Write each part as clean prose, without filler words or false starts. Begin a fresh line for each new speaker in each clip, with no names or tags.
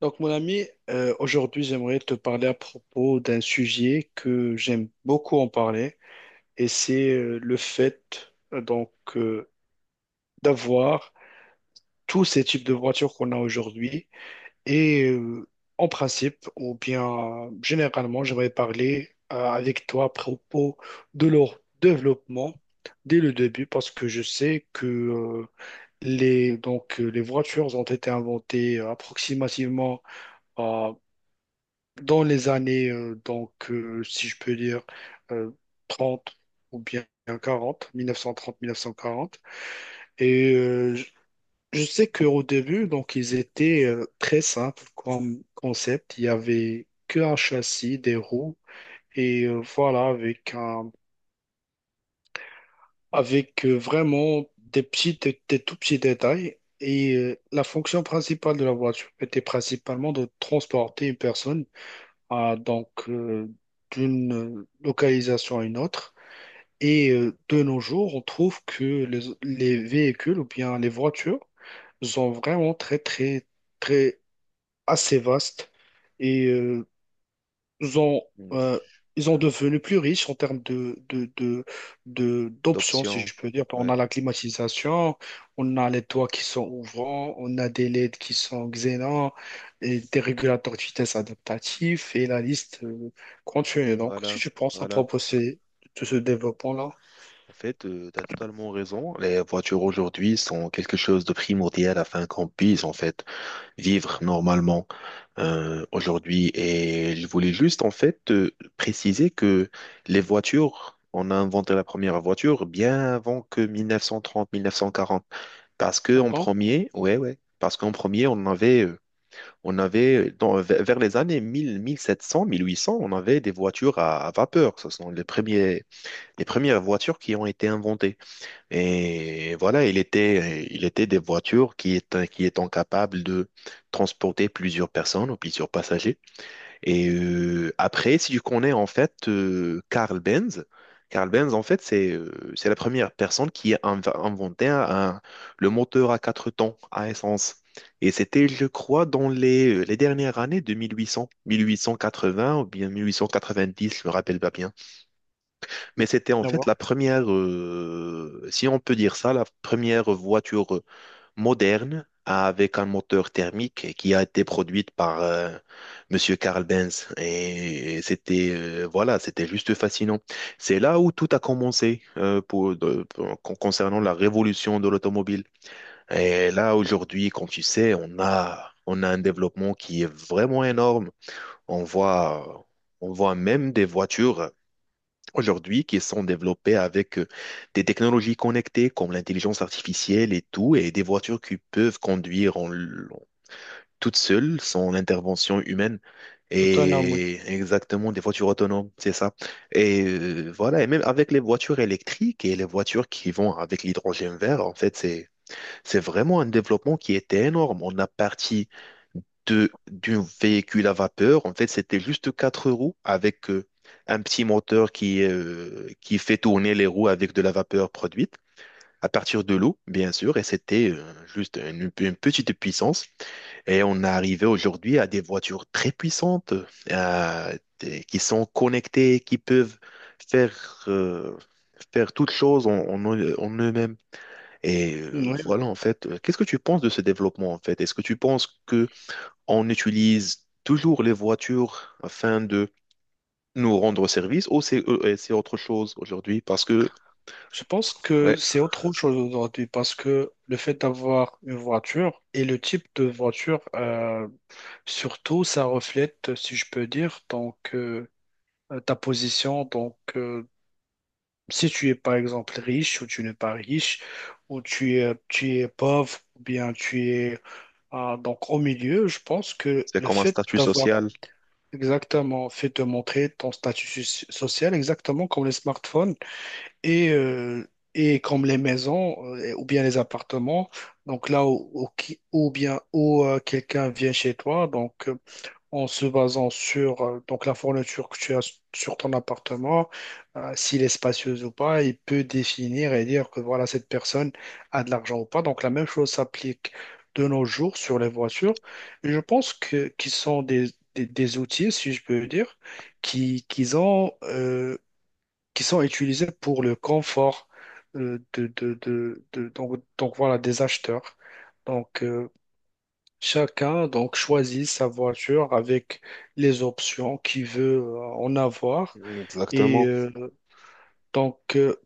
Donc, mon ami, aujourd'hui, j'aimerais te parler à propos d'un sujet que j'aime beaucoup en parler, et c'est le fait d'avoir tous ces types de voitures qu'on a aujourd'hui. Et en principe, ou bien généralement, j'aimerais parler avec toi à propos de leur développement dès le début, parce que je sais que les voitures ont été inventées approximativement dans les années, si je peux dire, euh, 30 ou bien 40, 1930-1940. Et je sais qu'au début, donc, ils étaient très simples comme concept. Il y avait que un châssis, des roues, et voilà, avec vraiment des petits, des tout petits détails. Et la fonction principale de la voiture était principalement de transporter une personne à donc d'une localisation à une autre. Et de nos jours, on trouve que les véhicules ou bien les voitures sont vraiment très, très, très assez vastes et ils ont,
Mm.
euh, ils ont devenu plus riches en termes d'options, si
D'options.
je peux dire. On
Ouais,
a la climatisation, on a les toits qui sont ouvrants, on a des LED qui sont xénants, et des régulateurs de vitesse adaptatifs, et la liste continue. Donc, si
voilà,
tu penses à
voilà.
proposer de ce développement-là,
En fait, tu as totalement raison. Les voitures aujourd'hui sont quelque chose de primordial afin qu'on puisse, en fait, vivre normalement aujourd'hui. Et je voulais juste, en fait, te préciser que les voitures, on a inventé la première voiture bien avant que 1930, 1940. Parce que
ah
en
bon,
premier, Ouais, ouais, parce qu'en premier, on avait vers les années 1000, 1700, 1800, on avait des voitures à vapeur. Ce sont les premières voitures qui ont été inventées. Et voilà, il était des voitures qui étant capables de transporter plusieurs personnes ou plusieurs passagers. Et après, si tu connais en fait Carl Benz. Carl Benz en fait c'est la première personne qui a inventé le moteur à quatre temps à essence. Et c'était, je crois, dans les dernières années de 1800, 1880 ou bien 1890, je me rappelle pas bien. Mais c'était en fait
d'avoir,
si on peut dire ça, la première voiture moderne avec un moteur thermique qui a été produite par Monsieur Carl Benz. Et c'était voilà, c'était juste fascinant. C'est là où tout a commencé pour, de- pour- con- concernant la révolution de l'automobile. Et là aujourd'hui, quand tu sais, on a un développement qui est vraiment énorme. On voit on voit même des voitures aujourd'hui qui sont développées avec des technologies connectées comme l'intelligence artificielle et tout, et des voitures qui peuvent conduire toutes seules sans l'intervention humaine.
autonome,
Et exactement, des voitures autonomes, c'est ça. Voilà, et même avec les voitures électriques et les voitures qui vont avec l'hydrogène vert, en fait, c'est vraiment un développement qui était énorme. On a parti de d'un véhicule à vapeur. En fait, c'était juste quatre roues avec un petit moteur qui fait tourner les roues avec de la vapeur produite à partir de l'eau, bien sûr. Et c'était juste une petite puissance. Et on est arrivé aujourd'hui à des voitures très puissantes euh, qui sont connectées, qui peuvent faire, euh, faire toutes choses en eux-mêmes.
oui.
Qu'est-ce que tu penses de ce développement, en fait? Est-ce que tu penses que on utilise toujours les voitures afin de nous rendre service ou c'est autre chose aujourd'hui parce que
Je pense
ouais,
que c'est autre chose aujourd'hui parce que le fait d'avoir une voiture et le type de voiture, surtout, ça reflète, si je peux dire, ta position. Donc, si tu es par exemple riche ou tu n'es pas riche, ou tu es pauvre, ou bien tu es ah, donc au milieu, je pense que
c'est
le
comme un
fait
statut
d'avoir
social.
exactement fait te montrer ton statut social, exactement comme les smartphones et, euh, et comme les maisons ou bien les appartements, donc là où, où qui- ou bien où quelqu'un vient chez toi, en se basant sur donc la fourniture que tu as sur ton appartement, s'il est spacieux ou pas, il peut définir et dire que voilà, cette personne a de l'argent ou pas. Donc la même chose s'applique de nos jours sur les voitures. Et je pense que qu'ils sont des outils, si je peux dire, qui, qu'ils ont. Qui sont utilisés pour le confort donc voilà, des acheteurs. Donc chacun donc choisit sa voiture avec les options qu'il veut en avoir. Et
Exactement.
donc euh,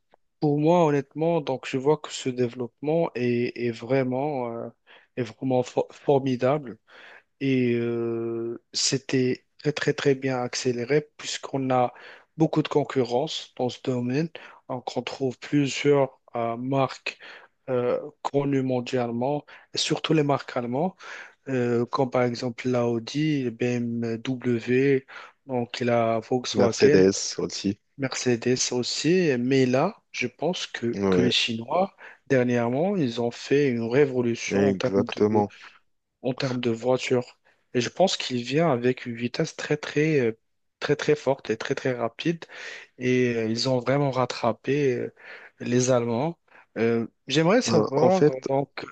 pour moi honnêtement donc je vois que ce développement est vraiment formidable. Et c'était très, très, très bien accéléré puisqu'on a beaucoup de concurrence dans ce domaine. Donc, on trouve plusieurs marques connues mondialement, et surtout les marques allemandes, comme par exemple l'Audi, BMW, donc la Volkswagen,
Mercedes aussi.
Mercedes aussi. Mais là, je pense que les
Ouais,
Chinois, dernièrement, ils ont fait une révolution en termes
exactement.
en termes de voiture. Et je pense qu'il vient avec une vitesse très très très très forte et très très rapide. Et ils ont vraiment rattrapé les Allemands. Euh, j'aimerais
Euh, en
savoir
fait,
donc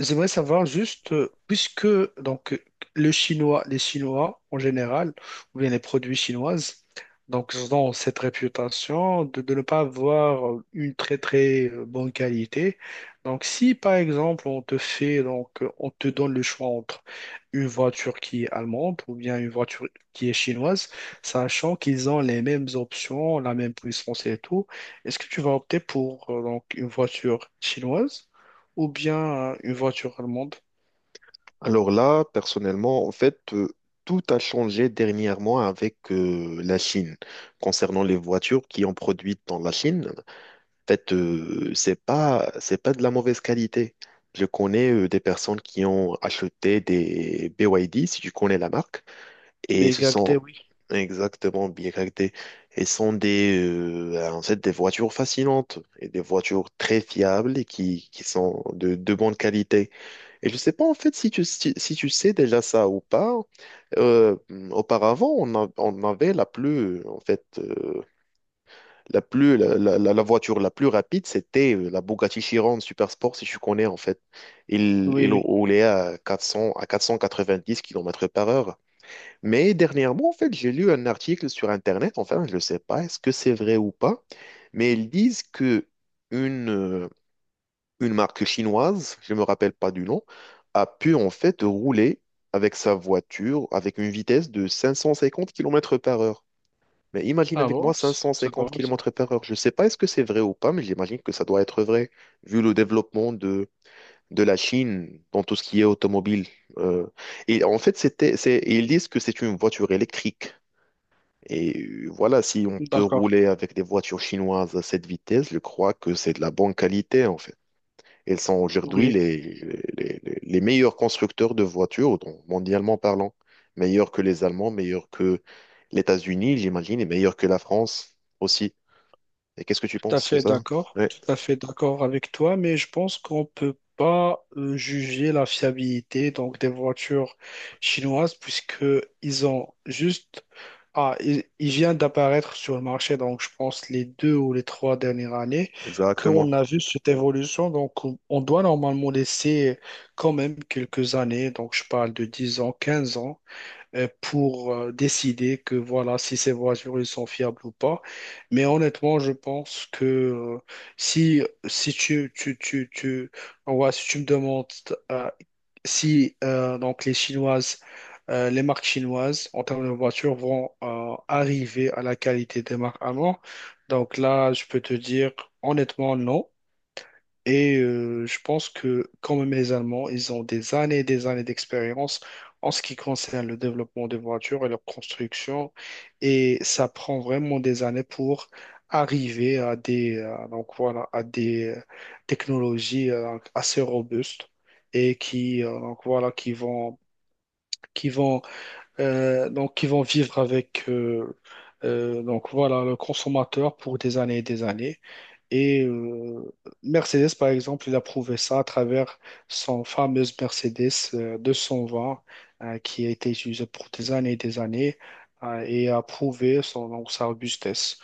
J'aimerais savoir juste, puisque donc euh, les Chinois en général, ou bien les produits chinoises, donc ils ont cette réputation de ne pas avoir une très très bonne qualité. Donc si par exemple on te donne le choix entre une voiture qui est allemande ou bien une voiture qui est chinoise, sachant qu'ils ont les mêmes options, la même puissance et tout, est-ce que tu vas opter pour donc une voiture chinoise, ou bien une voiture allemande?
Alors là, personnellement, en fait, tout a changé dernièrement avec la Chine. Concernant les voitures qui ont produites dans la Chine, en fait, c'est pas de la mauvaise qualité. Je connais des personnes qui ont acheté des BYD, si tu connais la marque, et ce sont
BMW, oui.
exactement bien BYD. Et ce sont des, en fait, des voitures fascinantes et des voitures très fiables et qui sont de bonne qualité. Et je sais pas en fait si tu sais déjà ça ou pas. Euh, Auparavant, on avait la plus, en fait, la plus, la voiture la plus rapide, c'était la Bugatti Chiron Super Sport si tu connais en fait. Il,
Oui,
il
oui.
roulait à 400, à 490 kilomètres par heure. Mais dernièrement, en fait, j'ai lu un article sur Internet, enfin, je ne sais pas, est-ce que c'est vrai ou pas, mais ils disent que une, euh, une marque chinoise, je ne me rappelle pas du nom, a pu en fait rouler avec sa voiture avec une vitesse de 550 km par heure. Mais imagine
Ah
avec
bon?
moi 550
C'est drôle, ça.
km par heure. Je ne sais pas est-ce que c'est vrai ou pas, mais j'imagine que ça doit être vrai, vu le développement de la Chine dans tout ce qui est automobile. Euh, et en fait, et ils disent que c'est une voiture électrique. Et voilà, si on peut
D'accord.
rouler avec des voitures chinoises à cette vitesse, je crois que c'est de la bonne qualité, en fait. Ils sont aujourd'hui
Oui.
les meilleurs constructeurs de voitures, donc mondialement parlant. Meilleurs que les Allemands, meilleurs que les États-Unis, j'imagine, et meilleurs que la France aussi. Et qu'est-ce que tu
Tout à
penses de
fait
ça?
d'accord,
Oui,
tout à fait d'accord avec toi, mais je pense qu'on peut pas juger la fiabilité donc des voitures chinoises puisque ils ont juste ah ils viennent d'apparaître sur le marché. Donc je pense les deux ou les trois dernières années
exactement.
qu'on a vu cette évolution. Donc on doit normalement laisser quand même quelques années, donc je parle de 10 ans, 15 ans, pour décider que voilà, si ces voitures ils sont fiables ou pas. Mais honnêtement, je pense que si, si tu, tu, tu, tu, ouais, si tu me demandes euh, si donc les Chinoises, les marques chinoises en termes de voitures vont arriver à la qualité des marques allemandes, donc là, je peux te dire honnêtement non. Et je pense que, comme les Allemands, ils ont des années et des années d'expérience en ce qui concerne le développement des voitures et leur construction. Et ça prend vraiment des années pour arriver à des technologies assez robustes et qui vont, qui vont, qui vont vivre avec le consommateur pour des années. Et Mercedes, par exemple, il a prouvé ça à travers son fameuse Mercedes 220 qui a été utilisée pour des années et des années, et a prouvé sa robustesse.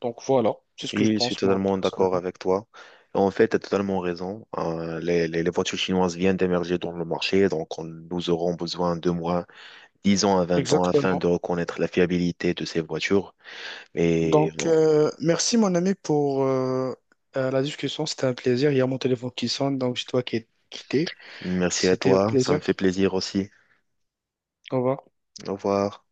Donc voilà, c'est ce que je
Oui, je suis
pense moi
totalement d'accord
personnellement.
avec toi. En fait, tu as totalement raison. Les voitures chinoises viennent d'émerger dans le marché, donc nous aurons besoin de moins 10 ans à 20 ans afin
Exactement.
de reconnaître la fiabilité de ces voitures. Et
Donc
bon,
merci mon ami pour la discussion, c'était un plaisir. Il y a mon téléphone qui sonne, donc je dois quitter.
merci à
C'était un
toi, ça me
plaisir.
fait plaisir aussi.
Au revoir.
Au revoir.